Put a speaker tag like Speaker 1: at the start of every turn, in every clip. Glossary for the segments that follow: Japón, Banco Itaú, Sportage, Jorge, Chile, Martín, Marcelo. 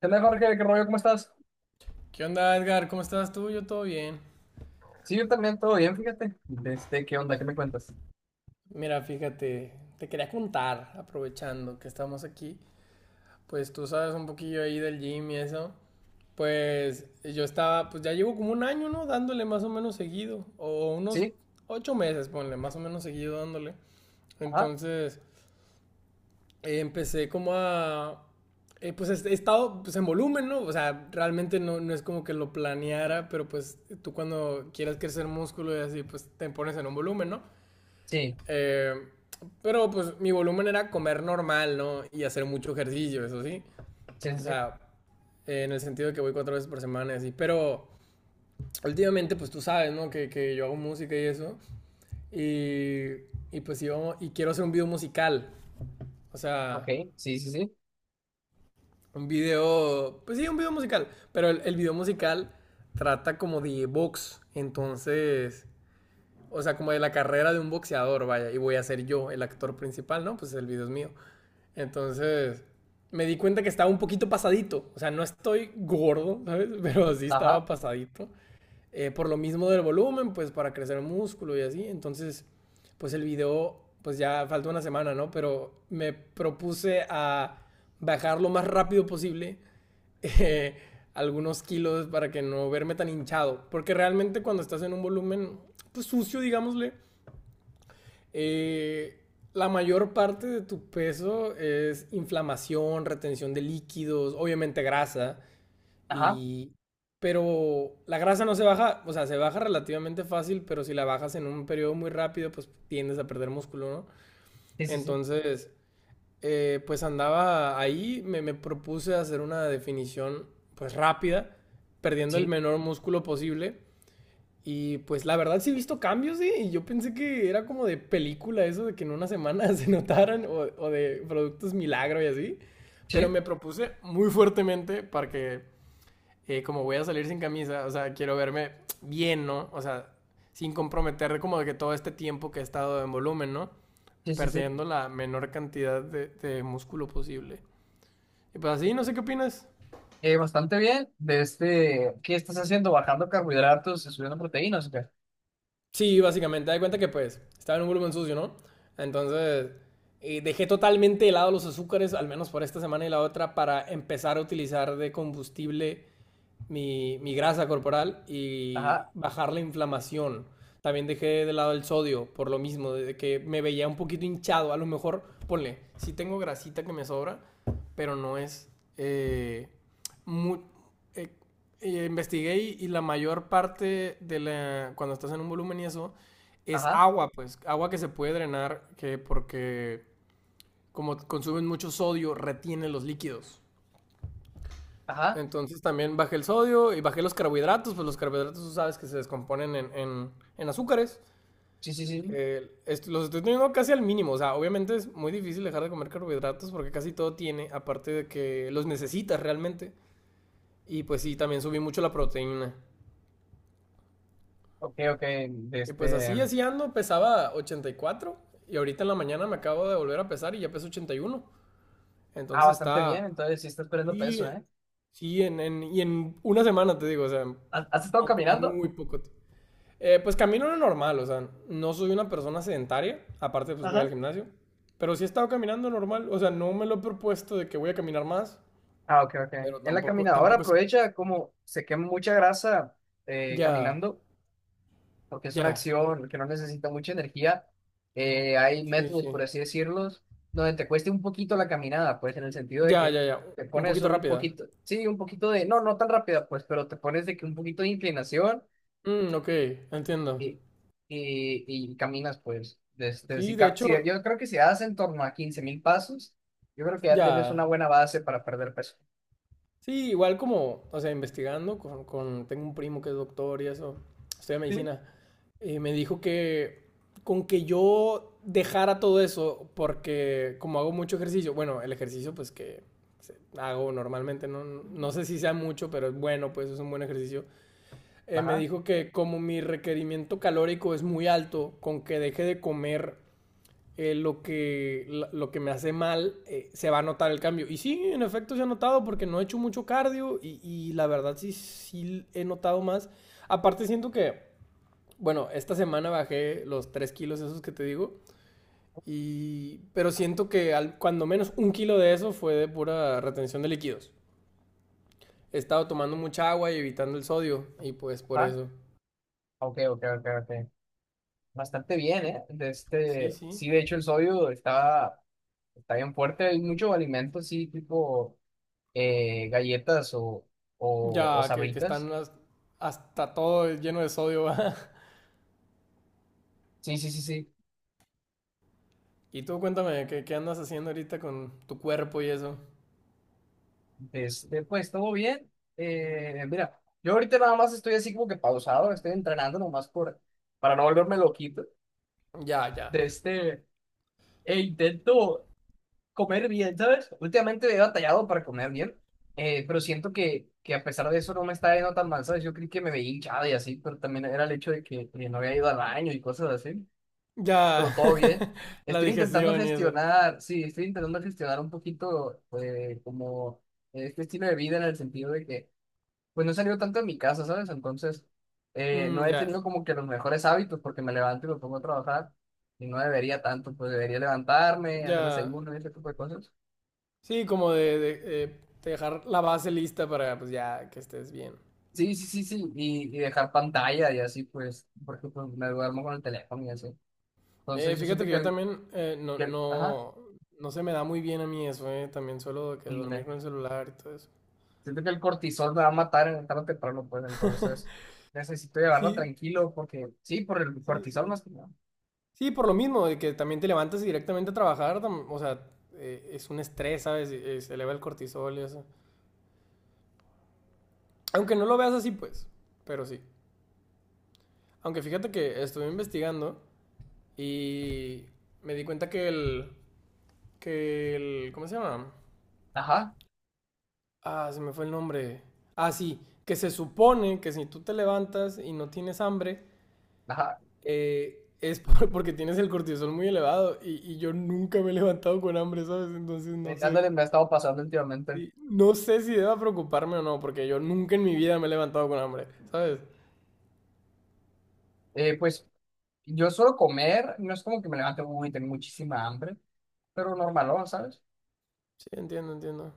Speaker 1: ¿Qué onda, Jorge? ¿Qué rollo? ¿Cómo estás?
Speaker 2: ¿Qué onda, Edgar? ¿Cómo estás tú? Yo todo bien.
Speaker 1: Sí, yo también, todo bien, fíjate. ¿Qué onda? ¿Qué me cuentas?
Speaker 2: Mira, fíjate, te quería contar, aprovechando que estamos aquí, pues tú sabes un poquillo ahí del gym y eso. Pues yo estaba, pues ya llevo como un año, ¿no? Dándole más o menos seguido, o unos
Speaker 1: Sí,
Speaker 2: 8 meses, ponle, más o menos seguido dándole.
Speaker 1: ajá,
Speaker 2: Entonces, empecé como a, pues he estado pues, en volumen, ¿no? O sea, realmente no es como que lo planeara, pero pues tú cuando quieras crecer músculo y así, pues te pones en un volumen, ¿no?
Speaker 1: sí,
Speaker 2: Eh, pero pues mi volumen era comer normal, ¿no? Y hacer mucho ejercicio, eso sí.
Speaker 1: sí,
Speaker 2: O
Speaker 1: sí, sí,
Speaker 2: sea, en el sentido de que voy 4 veces por semana, y así. Pero últimamente, pues tú sabes, ¿no? Que yo hago música y eso. Y pues yo, y quiero hacer un video musical. O
Speaker 1: ok,
Speaker 2: sea,
Speaker 1: sí, sí, sí,
Speaker 2: un video, pues sí, un video musical. Pero el video musical trata como de box. Entonces, o sea, como de la carrera de un boxeador, vaya. Y voy a ser yo el actor principal, ¿no? Pues el video es mío. Entonces, me di cuenta que estaba un poquito pasadito. O sea, no estoy gordo, ¿sabes? Pero sí estaba
Speaker 1: ajá,
Speaker 2: pasadito. Por lo mismo del volumen, pues para crecer el músculo y así. Entonces, pues el video, pues ya falta una semana, ¿no? Pero me propuse a bajar lo más rápido posible eh, algunos kilos para que no verme tan hinchado. Porque realmente cuando estás en un volumen, pues sucio, digámosle, eh, la mayor parte de tu peso es inflamación, retención de líquidos, obviamente grasa,
Speaker 1: ajá,
Speaker 2: y... pero la grasa no se baja, o sea, se baja relativamente fácil, pero si la bajas en un periodo muy rápido, pues tiendes a perder músculo, ¿no?
Speaker 1: sí, sí, sí,
Speaker 2: Entonces, pues andaba ahí, me propuse hacer una definición, pues rápida, perdiendo el
Speaker 1: sí,
Speaker 2: menor músculo posible, y pues la verdad sí he visto cambios, ¿sí? Y yo pensé que era como de película eso, de que en una semana se notaran, o de productos milagro y así. Pero
Speaker 1: sí,
Speaker 2: me propuse muy fuertemente para que, como voy a salir sin camisa, o sea, quiero verme bien, ¿no? O sea, sin comprometer como de que todo este tiempo que he estado en volumen, ¿no?
Speaker 1: sí, sí, sí.
Speaker 2: Perdiendo la menor cantidad de músculo posible. Y pues así, no sé qué opinas.
Speaker 1: Bastante bien, de este, ¿qué estás haciendo? ¿Bajando carbohidratos y subiendo proteínas? ¿O qué?
Speaker 2: Sí, básicamente, da cuenta que pues estaba en un volumen sucio, ¿no? Entonces dejé totalmente de lado los azúcares, al menos por esta semana y la otra, para empezar a utilizar de combustible mi grasa corporal y
Speaker 1: Ajá,
Speaker 2: bajar la inflamación. También dejé de lado el sodio por lo mismo, de que me veía un poquito hinchado. A lo mejor, ponle, si tengo grasita que me sobra, pero no es... eh, mu- eh, investigué y la mayor parte de la... cuando estás en un volumen y eso, es
Speaker 1: ajá,
Speaker 2: agua, pues, agua que se puede drenar, que porque como consumen mucho sodio, retiene los líquidos.
Speaker 1: ajá,
Speaker 2: Entonces también bajé el sodio y bajé los carbohidratos, pues los carbohidratos tú sabes que se descomponen en, en azúcares.
Speaker 1: sí, sí, sí,
Speaker 2: Los estoy teniendo casi al mínimo, o sea, obviamente es muy difícil dejar de comer carbohidratos porque casi todo tiene, aparte de que los necesitas realmente. Y pues sí, también subí mucho la proteína.
Speaker 1: ok, ok, de
Speaker 2: Y pues
Speaker 1: este,
Speaker 2: así, así ando, pesaba 84 y ahorita en la mañana me acabo de volver a pesar y ya peso 81.
Speaker 1: ah,
Speaker 2: Entonces
Speaker 1: bastante bien,
Speaker 2: está...
Speaker 1: entonces sí estás perdiendo
Speaker 2: Y
Speaker 1: peso, ¿eh?
Speaker 2: sí, en, y en una semana te digo, o sea,
Speaker 1: ¿Has, has estado caminando?
Speaker 2: muy poco. Pues camino lo normal, o sea, no soy una persona sedentaria, aparte pues voy al
Speaker 1: Ajá.
Speaker 2: gimnasio, pero sí he estado caminando normal, o sea, no me lo he propuesto de que voy a caminar más,
Speaker 1: Ah, ok, ok.
Speaker 2: pero
Speaker 1: En la
Speaker 2: tampoco,
Speaker 1: caminadora
Speaker 2: tampoco es...
Speaker 1: aprovecha como se quema mucha grasa
Speaker 2: Ya,
Speaker 1: caminando, porque es una
Speaker 2: ya,
Speaker 1: acción que no necesita mucha energía. Hay
Speaker 2: sí,
Speaker 1: métodos,
Speaker 2: sí.
Speaker 1: por así decirlos, donde te cueste un poquito la caminada, pues en el sentido de
Speaker 2: Ya,
Speaker 1: que
Speaker 2: ya, ya,
Speaker 1: te
Speaker 2: un
Speaker 1: pones
Speaker 2: poquito
Speaker 1: un
Speaker 2: rápida.
Speaker 1: poquito, sí, un poquito de, no, no tan rápida, pues, pero te pones de que un poquito de inclinación
Speaker 2: Mm, ok, entiendo.
Speaker 1: y, y caminas, pues. Desde,
Speaker 2: Sí,
Speaker 1: si,
Speaker 2: de hecho,
Speaker 1: yo creo que si das en torno a 15,000 pasos, yo creo que ya tienes una
Speaker 2: ya.
Speaker 1: buena base para perder peso.
Speaker 2: Sí, igual como, o sea, investigando con, tengo un primo que es doctor y eso, estudia
Speaker 1: Sí.
Speaker 2: medicina. Y me dijo que con que yo dejara todo eso, porque como hago mucho ejercicio, bueno, el ejercicio pues que hago normalmente, no, no sé si sea mucho, pero es bueno, pues es un buen ejercicio. Me
Speaker 1: Ajá,
Speaker 2: dijo que como mi requerimiento calórico es muy alto, con que deje de comer eh, lo, que, lo que me hace mal, se va a notar el cambio. Y sí, en efecto se ha notado porque no he hecho mucho cardio y la verdad sí, sí he notado más. Aparte siento que, bueno, esta semana bajé los 3 kilos esos que te digo. Y... Pero siento que al... cuando menos 1 kilo de eso fue de pura retención de líquidos. He estado tomando mucha agua y evitando el sodio. Y pues por
Speaker 1: ajá.
Speaker 2: eso.
Speaker 1: Ok, ok, ok, ok. Bastante bien, ¿eh? De
Speaker 2: Sí,
Speaker 1: este,
Speaker 2: sí.
Speaker 1: sí, de hecho el sodio está, está bien fuerte. Hay muchos alimentos, sí, tipo galletas o
Speaker 2: Ya que están
Speaker 1: sabritas.
Speaker 2: las... hasta todo lleno de sodio. ¿Va?
Speaker 1: Sí, sí, sí, sí.
Speaker 2: Y tú cuéntame, ¿qué andas haciendo ahorita con tu cuerpo y eso?
Speaker 1: De este, pues todo bien. Mira, yo ahorita nada más estoy así como que pausado, estoy entrenando nomás por, para no volverme loquito.
Speaker 2: Ya, ya.
Speaker 1: De este, e intento comer bien, ¿sabes? Últimamente he batallado para comer bien, pero siento que a pesar de eso no me está yendo tan mal, ¿sabes? Yo creí que me veía hinchada y así, pero también era el hecho de que no había ido al baño y cosas así, pero
Speaker 2: Ya.
Speaker 1: todo bien.
Speaker 2: La
Speaker 1: Estoy intentando
Speaker 2: digestión y eso.
Speaker 1: gestionar, sí, estoy intentando gestionar un poquito como este estilo de vida en el sentido de que, pues no he salido tanto de mi casa, ¿sabes? Entonces, no
Speaker 2: Mm,
Speaker 1: he
Speaker 2: ya,
Speaker 1: tenido como que los mejores hábitos porque me levanto y me pongo a trabajar. Y no debería tanto, pues debería levantarme, hacer
Speaker 2: ya.
Speaker 1: desayuno y ese tipo de cosas.
Speaker 2: Sí, como de dejar la base lista para pues ya que estés bien.
Speaker 1: Sí, sí, sí, sí, y dejar pantalla y así, pues, porque pues me duermo con el teléfono y así. Entonces
Speaker 2: Eh,
Speaker 1: yo
Speaker 2: fíjate
Speaker 1: siento
Speaker 2: que
Speaker 1: que
Speaker 2: yo también
Speaker 1: ajá,
Speaker 2: no se me da muy bien a mí eso, eh. También suelo que dormir
Speaker 1: ándale.
Speaker 2: con el celular y todo eso.
Speaker 1: Siento que el cortisol me va a matar en tarde o temprano, pues, entonces necesito llevarlo
Speaker 2: Sí,
Speaker 1: tranquilo, porque sí, por el
Speaker 2: sí,
Speaker 1: cortisol
Speaker 2: sí.
Speaker 1: más que nada.
Speaker 2: Sí, por lo mismo, de que también te levantas y directamente a trabajar, o sea, es un estrés, ¿sabes? Y se eleva el cortisol y eso. Aunque no lo veas así, pues, pero sí. Aunque fíjate que estuve investigando y me di cuenta que el, ¿cómo se llama?
Speaker 1: Ajá,
Speaker 2: Ah, se me fue el nombre. Ah, sí, que se supone que si tú te levantas y no tienes hambre,
Speaker 1: ajá,
Speaker 2: es porque tienes el cortisol muy elevado y yo nunca me he levantado con hambre, ¿sabes? Entonces no sé.
Speaker 1: ándale, me ha estado pasando últimamente.
Speaker 2: Sí, no sé si deba preocuparme o no, porque yo nunca en mi vida me he levantado con hambre, ¿sabes?
Speaker 1: Pues yo suelo comer, no es como que me levante, uy, tengo muchísima hambre, pero normalón, ¿sabes?
Speaker 2: Sí, entiendo, entiendo.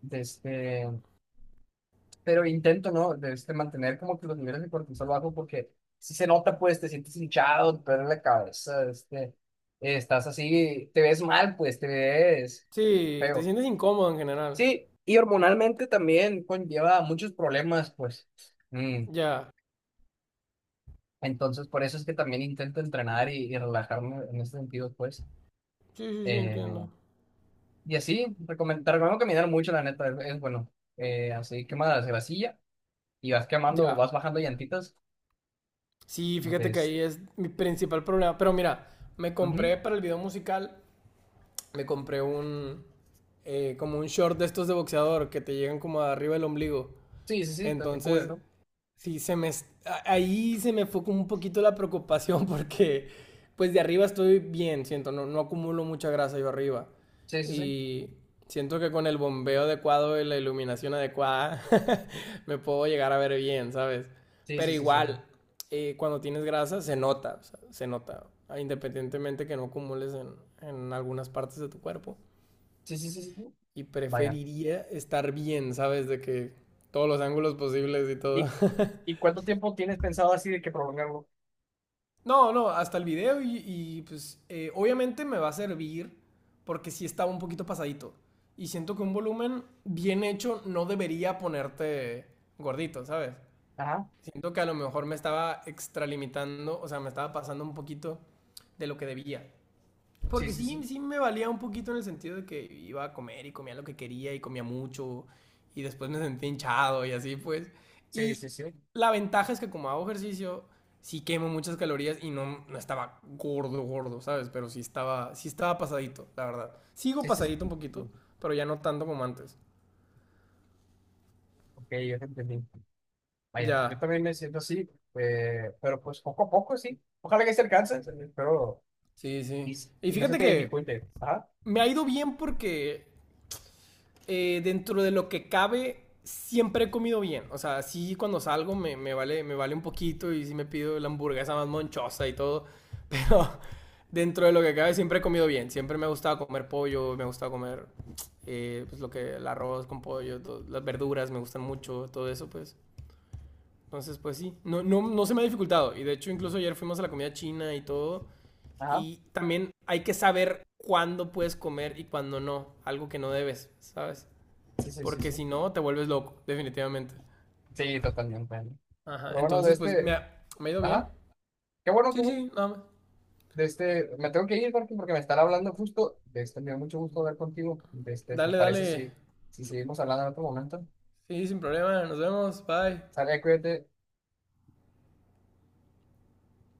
Speaker 1: Desde, pero intento, ¿no? De este, mantener como que los niveles de cortisol bajos porque si se nota, pues te sientes hinchado, te duele la cabeza, este, estás así, te ves mal, pues te ves
Speaker 2: Sí, te
Speaker 1: feo.
Speaker 2: sientes incómodo en general.
Speaker 1: Sí, y hormonalmente también conlleva muchos problemas, pues. Mm.
Speaker 2: Ya.
Speaker 1: Entonces, por eso es que también intento entrenar y relajarme en ese sentido, pues.
Speaker 2: Sí, sí, sí,
Speaker 1: Eh,
Speaker 2: entiendo.
Speaker 1: y así, te recomiendo caminar mucho, la neta, es bueno. Así quemas la vasilla y vas quemando,
Speaker 2: Ya.
Speaker 1: vas bajando llantitas.
Speaker 2: Sí, fíjate que
Speaker 1: Entonces,
Speaker 2: ahí es mi principal problema. Pero mira, me
Speaker 1: ujú.
Speaker 2: compré para el video musical, me compré un como un short de estos de boxeador que te llegan como arriba del ombligo.
Speaker 1: Sí, sí, sí, te te cubre,
Speaker 2: Entonces,
Speaker 1: ¿no?
Speaker 2: sí se me, ahí se me fue como un poquito la preocupación porque pues de arriba estoy bien, siento, no acumulo mucha grasa yo arriba.
Speaker 1: Sí, sí, sí.
Speaker 2: Y siento que con el bombeo adecuado y la iluminación adecuada me puedo llegar a ver bien, ¿sabes?
Speaker 1: Sí,
Speaker 2: Pero
Speaker 1: sí, sí, sí.
Speaker 2: igual, cuando tienes grasa se nota, o sea, se nota, independientemente que no acumules en algunas partes de tu cuerpo,
Speaker 1: Sí, sí, sí, sí. Sí. Sí.
Speaker 2: y
Speaker 1: Vaya.
Speaker 2: preferiría estar bien, ¿sabes? De que todos los ángulos posibles y todo.
Speaker 1: ¿Y, y cuánto tiempo tienes pensado así de que prolongarlo?
Speaker 2: No, no, hasta el video, y pues obviamente me va a servir porque sí estaba un poquito pasadito. Y siento que un volumen bien hecho no debería ponerte gordito, ¿sabes?
Speaker 1: Ajá.
Speaker 2: Siento que a lo mejor me estaba extralimitando, o sea, me estaba pasando un poquito de lo que debía.
Speaker 1: Sí,
Speaker 2: Porque
Speaker 1: sí,
Speaker 2: sí,
Speaker 1: sí.
Speaker 2: sí me valía un poquito en el sentido de que iba a comer y comía lo que quería y comía mucho, y después me sentía hinchado y así pues.
Speaker 1: Sí,
Speaker 2: Y
Speaker 1: sí, sí.
Speaker 2: la ventaja es que como hago ejercicio, sí quemo muchas calorías y no, no estaba gordo, gordo, ¿sabes? Pero sí estaba pasadito, la verdad. Sigo
Speaker 1: Sí, sí,
Speaker 2: pasadito un poquito,
Speaker 1: sí.
Speaker 2: pero ya no tanto como antes.
Speaker 1: Ok, yo te entendí. Vaya, yo
Speaker 2: Ya,
Speaker 1: también me siento así, pero pues poco a poco, sí. Ojalá que se alcance, pero...
Speaker 2: sí, sí.
Speaker 1: Y,
Speaker 2: Y
Speaker 1: y no se
Speaker 2: fíjate
Speaker 1: te
Speaker 2: que
Speaker 1: dificulte. Ajá.
Speaker 2: me ha ido bien porque dentro de lo que cabe, siempre he comido bien. O sea, sí cuando salgo me vale un poquito, y sí me pido la hamburguesa más monchosa y todo. Pero dentro de lo que cabe siempre he comido bien. Siempre me ha gustado comer pollo, me ha gustado comer pues el arroz con pollo, las verduras me gustan mucho, todo eso pues. Entonces pues sí, no se me ha dificultado. Y de hecho incluso ayer fuimos a la comida china y todo.
Speaker 1: Ajá.
Speaker 2: Y también hay que saber cuándo puedes comer y cuándo no. Algo que no debes, ¿sabes?
Speaker 1: Sí, sí, sí,
Speaker 2: Porque
Speaker 1: sí.
Speaker 2: si no, te vuelves loco, definitivamente.
Speaker 1: Sí, totalmente.
Speaker 2: Ajá,
Speaker 1: Pero bueno, de
Speaker 2: entonces pues
Speaker 1: este...
Speaker 2: me ha ido bien.
Speaker 1: Ajá. Qué bueno.
Speaker 2: Sí, sí, nada más.
Speaker 1: De este, me tengo que ir, Martín, porque me están hablando justo. De este, me da mucho gusto hablar contigo. De este, ¿te
Speaker 2: Dale,
Speaker 1: parece
Speaker 2: dale.
Speaker 1: si, si seguimos hablando en otro momento?
Speaker 2: Sí, sin problema. Nos vemos. Bye.
Speaker 1: Sale, cuídate.